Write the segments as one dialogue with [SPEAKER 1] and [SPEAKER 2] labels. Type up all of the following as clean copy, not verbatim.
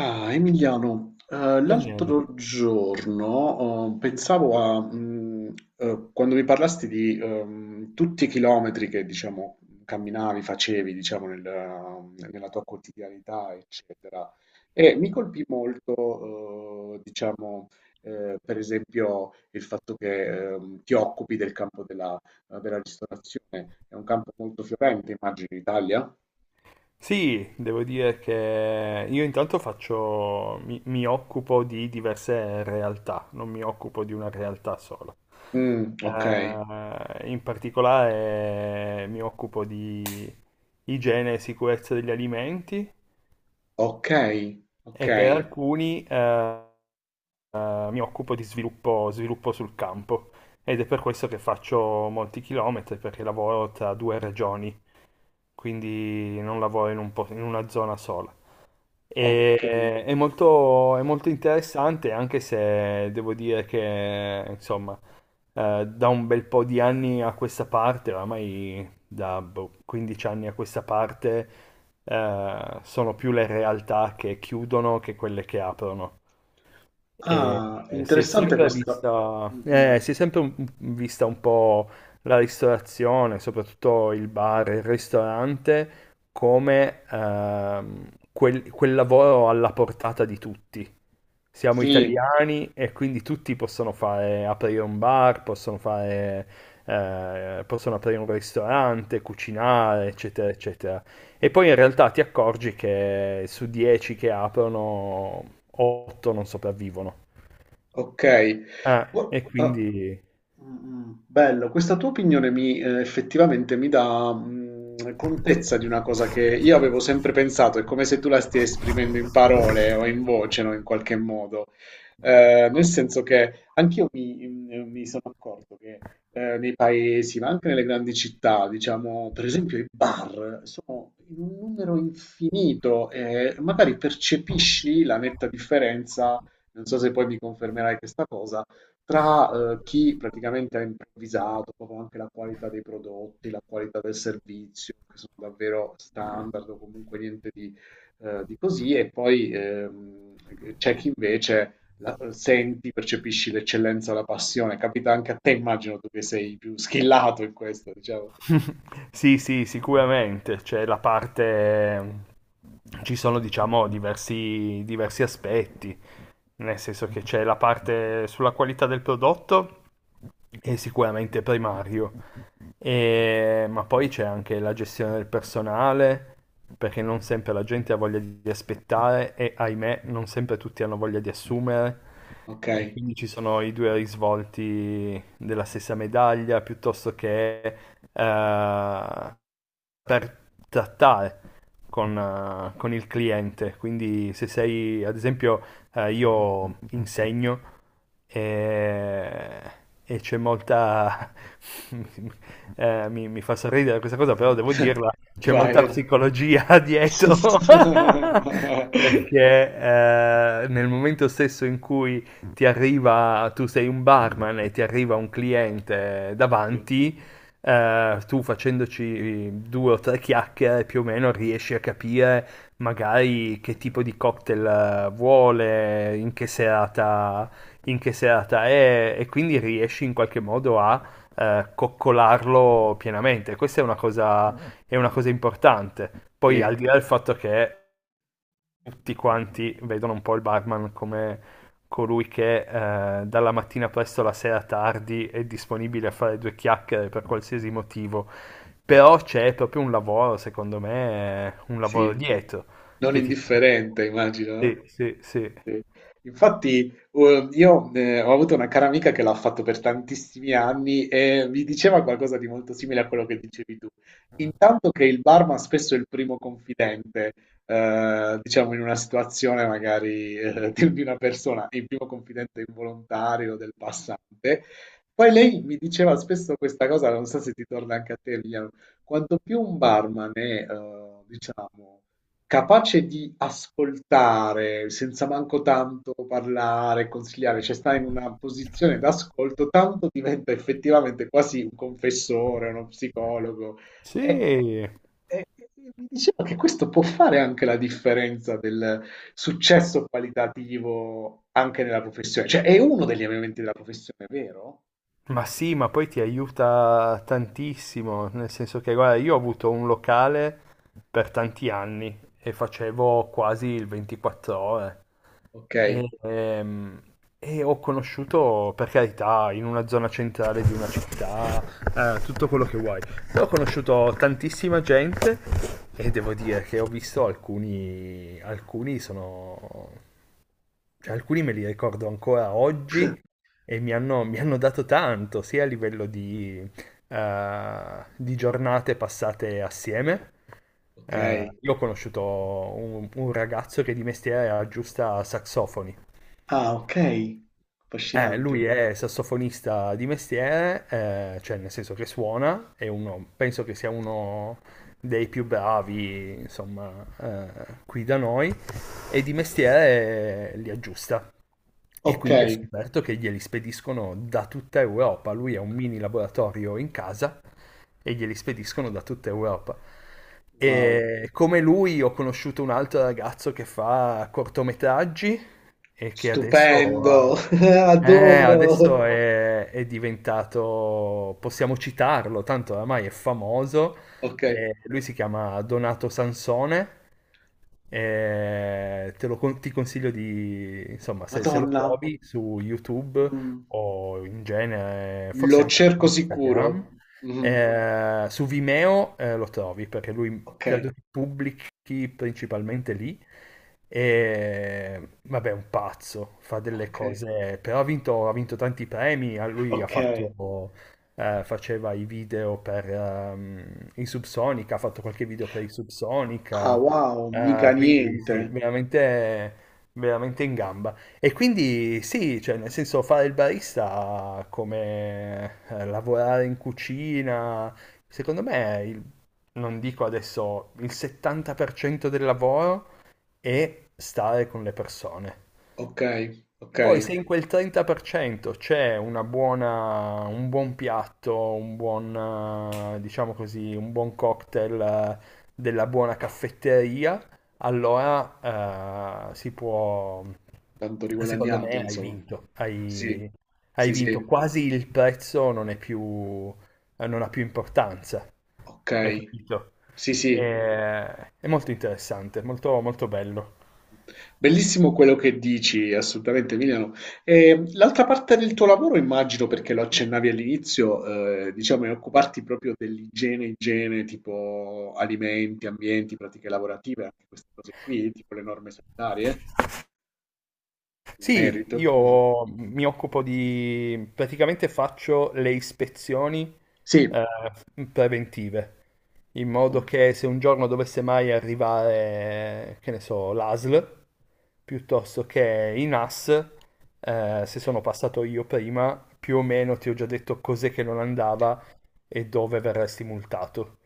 [SPEAKER 1] Ah, Emiliano,
[SPEAKER 2] Io niente.
[SPEAKER 1] l'altro giorno, pensavo a quando mi parlasti di tutti i chilometri che, diciamo, camminavi, facevi, diciamo, nella tua quotidianità, eccetera, e mi colpì molto, diciamo, per esempio, il fatto che ti occupi del campo della ristorazione, è un campo molto fiorente, immagino, in Italia.
[SPEAKER 2] Sì, devo dire che io intanto faccio, mi occupo di diverse realtà, non mi occupo di una realtà sola.
[SPEAKER 1] Mm, ok.
[SPEAKER 2] In particolare mi occupo di igiene e sicurezza degli alimenti
[SPEAKER 1] Ok, ok,
[SPEAKER 2] e per alcuni mi occupo di sviluppo, sviluppo sul campo ed è per questo che faccio molti chilometri perché lavoro tra due regioni, quindi non lavoro in una zona sola. E-
[SPEAKER 1] ok.
[SPEAKER 2] è molto, è molto interessante, anche se devo dire che, insomma, da un bel po' di anni a questa parte, oramai da boh, 15 anni a questa parte, sono più le realtà che chiudono che quelle che aprono. E
[SPEAKER 1] Ah,
[SPEAKER 2] si è
[SPEAKER 1] interessante
[SPEAKER 2] sempre
[SPEAKER 1] questo.
[SPEAKER 2] vista,
[SPEAKER 1] Mm, mm.
[SPEAKER 2] si è sempre un- vista un po' la ristorazione, soprattutto il bar, il ristorante, come quel lavoro alla portata di tutti. Siamo
[SPEAKER 1] Sì.
[SPEAKER 2] italiani e quindi tutti aprire un bar, possono aprire un ristorante, cucinare, eccetera, eccetera. E poi in realtà ti accorgi che su 10 che aprono, 8 non sopravvivono.
[SPEAKER 1] Ok.
[SPEAKER 2] Eh,
[SPEAKER 1] Gu-
[SPEAKER 2] e
[SPEAKER 1] ah,
[SPEAKER 2] quindi.
[SPEAKER 1] mm, mm, bello, questa tua opinione effettivamente mi dà contezza di una cosa che io avevo sempre pensato, è come se tu la stia esprimendo in parole o in voce, no, in qualche modo. Nel senso che anch'io mi sono accorto che nei paesi, ma anche nelle grandi città, diciamo, per esempio i bar sono in un numero infinito e magari percepisci la netta differenza. Non so se poi mi confermerai questa cosa, tra chi praticamente ha improvvisato proprio anche la qualità dei prodotti, la qualità del servizio, che sono davvero standard o comunque niente di così, e poi c'è chi invece senti, percepisci l'eccellenza, la passione. Capita anche a te, immagino tu che sei più schillato in questo, diciamo.
[SPEAKER 2] Sì, sì, sicuramente. C'è la parte. Ci sono, diciamo, diversi aspetti, nel senso che c'è la parte sulla qualità del prodotto, è sicuramente primario. Ma poi c'è anche la gestione del personale, perché non sempre la gente ha voglia di aspettare e, ahimè, non sempre tutti hanno voglia di assumere.
[SPEAKER 1] Ok,
[SPEAKER 2] E quindi ci sono i due risvolti della stessa medaglia, piuttosto che eh, per trattare con il cliente. Quindi se sei, ad esempio, io insegno e, e c'è molta. Mi fa sorridere questa cosa, però devo dirla, c'è
[SPEAKER 1] vai.
[SPEAKER 2] molta psicologia dietro. Perché nel momento stesso in cui ti arriva, tu sei un barman e ti arriva un cliente
[SPEAKER 1] Sì,
[SPEAKER 2] davanti, tu facendoci due o tre chiacchiere più o meno riesci a capire magari che tipo di cocktail vuole, in che serata è e quindi riesci in qualche modo a coccolarlo pienamente. Questa è una cosa importante. Poi
[SPEAKER 1] sì.
[SPEAKER 2] al di là del fatto che tutti quanti vedono un po' il barman come colui che dalla mattina presto alla sera tardi è disponibile a fare due chiacchiere per qualsiasi motivo, però c'è proprio un lavoro, secondo me, un lavoro
[SPEAKER 1] Sì.
[SPEAKER 2] dietro
[SPEAKER 1] Non
[SPEAKER 2] che ti fa capire.
[SPEAKER 1] indifferente immagino, no?
[SPEAKER 2] Sì, sì, sì.
[SPEAKER 1] Sì. Infatti, io ho avuto una cara amica che l'ha fatto per tantissimi anni e mi diceva qualcosa di molto simile a quello che dicevi tu. Intanto che il barman spesso è il primo confidente, diciamo in una situazione magari di una persona, il primo confidente involontario del passante. Poi lei mi diceva spesso questa cosa, non so se ti torna anche a te, Emiliano, quanto più un barman è, diciamo, capace di ascoltare senza manco tanto parlare, consigliare, cioè sta in una posizione d'ascolto, tanto diventa effettivamente quasi un confessore, uno psicologo. E,
[SPEAKER 2] Sì,
[SPEAKER 1] e- e mi diceva che questo può fare anche la differenza del successo qualitativo anche nella professione, cioè è uno degli elementi della professione, vero?
[SPEAKER 2] ma poi ti aiuta tantissimo, nel senso che, guarda, io ho avuto un locale per tanti anni e facevo quasi il 24 ore.
[SPEAKER 1] Ok.
[SPEAKER 2] E, ehm, e ho conosciuto, per carità, in una zona centrale di una città, tutto quello che vuoi. Però ho conosciuto tantissima gente e devo dire che ho visto cioè, alcuni me li ricordo ancora oggi e mi hanno dato tanto, sia a livello di giornate passate assieme.
[SPEAKER 1] Ok.
[SPEAKER 2] Io ho conosciuto un ragazzo che di mestiere aggiusta saxofoni.
[SPEAKER 1] Ah, ok,
[SPEAKER 2] Eh,
[SPEAKER 1] affascinante.
[SPEAKER 2] lui è sassofonista di mestiere, cioè nel senso che suona, è uno, penso che sia uno dei più bravi, insomma, qui da noi, e di mestiere li aggiusta. E
[SPEAKER 1] Ok,
[SPEAKER 2] quindi ho scoperto che glieli spediscono da tutta Europa. Lui ha un mini laboratorio in casa e glieli spediscono da tutta Europa.
[SPEAKER 1] wow,
[SPEAKER 2] E come lui ho conosciuto un altro ragazzo che fa cortometraggi e che adesso
[SPEAKER 1] stupendo.
[SPEAKER 2] eh,
[SPEAKER 1] Adoro.
[SPEAKER 2] adesso è diventato, possiamo citarlo, tanto oramai è famoso.
[SPEAKER 1] Ok,
[SPEAKER 2] Lui si chiama Donato Sansone. Ti consiglio di, insomma, se lo
[SPEAKER 1] Madonna,
[SPEAKER 2] trovi su YouTube
[SPEAKER 1] mm,
[SPEAKER 2] o in genere,
[SPEAKER 1] lo
[SPEAKER 2] forse anche su
[SPEAKER 1] cerco sicuro.
[SPEAKER 2] Instagram,
[SPEAKER 1] Mhm.
[SPEAKER 2] su Vimeo, lo trovi perché lui
[SPEAKER 1] Ok,
[SPEAKER 2] credo che pubblichi giochi principalmente lì. E vabbè, è un pazzo, fa delle
[SPEAKER 1] ok,
[SPEAKER 2] cose, però ha vinto tanti premi. A Lui ha
[SPEAKER 1] ok.
[SPEAKER 2] fatto, faceva i video per i Subsonica, ha fatto qualche video per i
[SPEAKER 1] Ah,
[SPEAKER 2] Subsonica.
[SPEAKER 1] wow, mica
[SPEAKER 2] Quindi
[SPEAKER 1] niente.
[SPEAKER 2] sì, veramente, veramente in gamba. E quindi sì, cioè, nel senso fare il barista come lavorare in cucina, secondo me non dico adesso il 70% del lavoro è stare con le persone.
[SPEAKER 1] Ok, ok,
[SPEAKER 2] Poi se in quel 30% c'è un buon piatto, diciamo così, un buon cocktail della buona caffetteria, allora si può,
[SPEAKER 1] tanto
[SPEAKER 2] secondo
[SPEAKER 1] riguadagnato,
[SPEAKER 2] me hai
[SPEAKER 1] insomma.
[SPEAKER 2] vinto,
[SPEAKER 1] Sì,
[SPEAKER 2] hai, hai
[SPEAKER 1] sì,
[SPEAKER 2] vinto,
[SPEAKER 1] sì,
[SPEAKER 2] quasi il prezzo non è più, non ha più importanza,
[SPEAKER 1] ok.
[SPEAKER 2] hai capito?
[SPEAKER 1] Sì, sì.
[SPEAKER 2] È, è molto interessante, molto, molto bello.
[SPEAKER 1] Bellissimo quello che dici, assolutamente Emiliano. E l'altra parte del tuo lavoro, immagino, perché lo accennavi all'inizio, diciamo, è occuparti proprio dell'igiene, igiene, tipo alimenti, ambienti, pratiche lavorative, anche queste cose qui, tipo le norme sanitarie, in
[SPEAKER 2] Sì,
[SPEAKER 1] merito. Mhm.
[SPEAKER 2] io mi occupo praticamente faccio le ispezioni
[SPEAKER 1] Sì.
[SPEAKER 2] eh, preventive, in modo che se un giorno dovesse mai arrivare, che ne so, l'ASL, piuttosto che i NAS, se sono passato io prima, più o meno ti ho già detto cos'è che non andava e dove verresti multato.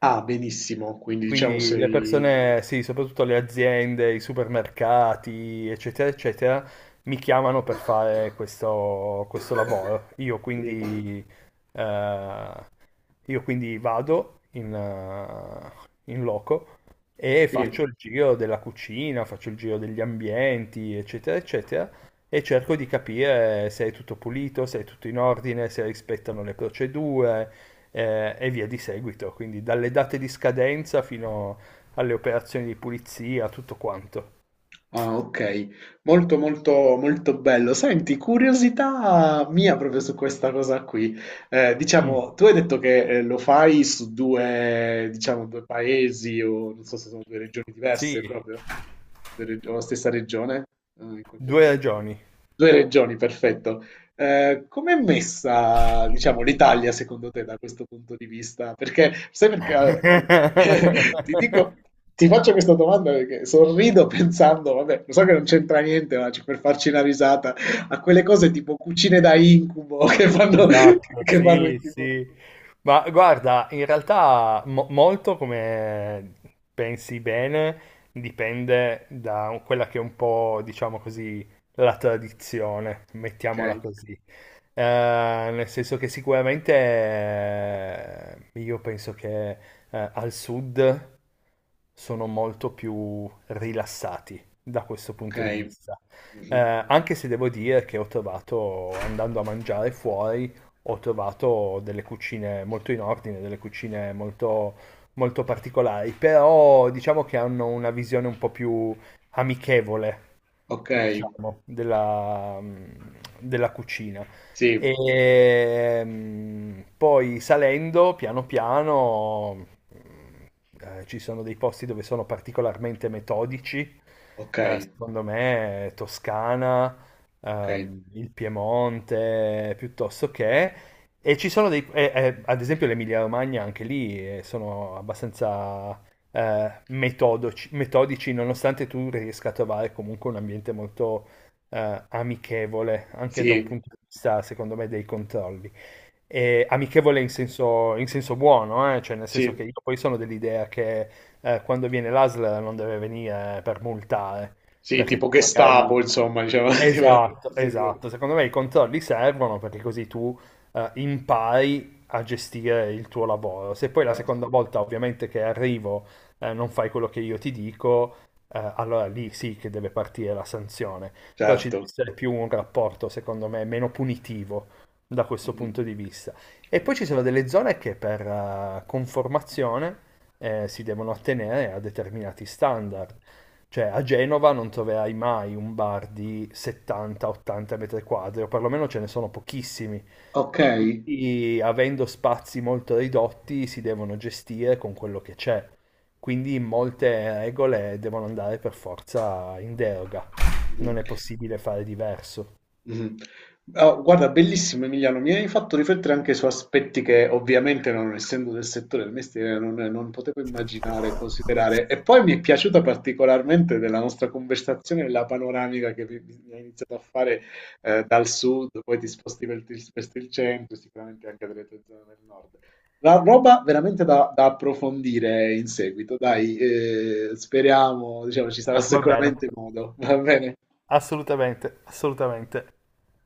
[SPEAKER 1] Ah, benissimo, quindi diciamo
[SPEAKER 2] Quindi le
[SPEAKER 1] sei.
[SPEAKER 2] persone, sì, soprattutto le aziende, i supermercati, eccetera, eccetera, mi chiamano per fare questo lavoro.
[SPEAKER 1] Sì,
[SPEAKER 2] Eh, io quindi vado in loco e
[SPEAKER 1] sì.
[SPEAKER 2] faccio il giro della cucina, faccio il giro degli ambienti, eccetera, eccetera, e cerco di capire se è tutto pulito, se è tutto in ordine, se rispettano le procedure e via di seguito, quindi dalle date di scadenza fino alle operazioni di pulizia, tutto quanto.
[SPEAKER 1] Ah, ok, molto molto molto bello. Senti, curiosità mia proprio su questa cosa qui. Eh,
[SPEAKER 2] Mm.
[SPEAKER 1] diciamo, tu hai detto che lo fai su due, diciamo, due paesi o non so se sono due regioni
[SPEAKER 2] Sì,
[SPEAKER 1] diverse proprio, o la stessa regione, in qualche
[SPEAKER 2] due
[SPEAKER 1] modo.
[SPEAKER 2] ragioni.
[SPEAKER 1] 2 regioni, perfetto. Com'è messa, diciamo, l'Italia secondo te da questo punto di vista? Perché, sai perché, ti dico, ti faccio questa domanda perché sorrido pensando, vabbè, lo so che non c'entra niente, ma per farci una risata, a quelle cose tipo cucine da incubo che fanno,
[SPEAKER 2] Esatto,
[SPEAKER 1] che fanno in
[SPEAKER 2] sì,
[SPEAKER 1] tipo.
[SPEAKER 2] sì. Ma guarda, in realtà molto come pensi bene dipende da quella che è un po', diciamo così, la tradizione,
[SPEAKER 1] Ok,
[SPEAKER 2] mettiamola così. Eh, nel senso che sicuramente io penso che al sud sono molto più rilassati da questo
[SPEAKER 1] ok,
[SPEAKER 2] punto di vista. Eh,
[SPEAKER 1] mhm,
[SPEAKER 2] anche se devo dire che ho trovato, andando a mangiare fuori, ho trovato delle cucine molto in ordine, delle cucine molto, molto particolari, però diciamo che hanno una visione un po' più amichevole,
[SPEAKER 1] ok,
[SPEAKER 2] diciamo, della cucina.
[SPEAKER 1] sì,
[SPEAKER 2] E poi salendo piano piano ci sono dei posti dove sono particolarmente metodici,
[SPEAKER 1] ok,
[SPEAKER 2] secondo me Toscana,
[SPEAKER 1] ok,
[SPEAKER 2] il Piemonte, piuttosto che. E ci sono ad esempio l'Emilia-Romagna anche lì sono abbastanza metodici, nonostante tu riesca a trovare comunque un ambiente molto amichevole, anche da un
[SPEAKER 1] sì,
[SPEAKER 2] punto di vista, secondo me, dei controlli. E amichevole in senso buono, cioè nel senso che
[SPEAKER 1] sì,
[SPEAKER 2] io poi sono dell'idea che quando viene l'ASL non deve venire per multare,
[SPEAKER 1] sì,
[SPEAKER 2] perché tu
[SPEAKER 1] tipo Gestapo,
[SPEAKER 2] magari.
[SPEAKER 1] insomma, diciamo,
[SPEAKER 2] Esatto,
[SPEAKER 1] sì, sì.
[SPEAKER 2] esatto. Secondo me i controlli servono perché così tu impari a gestire il tuo lavoro. Se poi la seconda
[SPEAKER 1] Certo.
[SPEAKER 2] volta ovviamente che arrivo non fai quello che io ti dico, allora lì sì che deve partire la sanzione. Però ci deve
[SPEAKER 1] Certo.
[SPEAKER 2] essere più un rapporto, secondo me, meno punitivo da questo
[SPEAKER 1] Mh-mh.
[SPEAKER 2] punto di vista. E
[SPEAKER 1] Mh.
[SPEAKER 2] poi ci sono delle zone che per conformazione si devono attenere a determinati standard. Cioè a Genova non troverai mai un bar di 70-80 metri quadri, o perlomeno ce ne sono pochissimi. E
[SPEAKER 1] Okay.
[SPEAKER 2] quindi avendo spazi molto ridotti si devono gestire con quello che c'è. Quindi molte regole devono andare per forza in deroga.
[SPEAKER 1] Mh.
[SPEAKER 2] Non è possibile fare diverso.
[SPEAKER 1] Mh-mh. Ah, guarda, bellissimo Emiliano, mi hai fatto riflettere anche su aspetti che ovviamente non essendo del settore del mestiere non potevo immaginare e considerare. E poi mi è piaciuta particolarmente della nostra conversazione la panoramica che mi hai iniziato a fare dal sud, poi ti sposti il centro, sicuramente anche delle tue zone del nord. La roba veramente da approfondire in seguito, dai, speriamo, diciamo, ci sarà
[SPEAKER 2] Va bene.
[SPEAKER 1] sicuramente modo, va bene?
[SPEAKER 2] Assolutamente, assolutamente.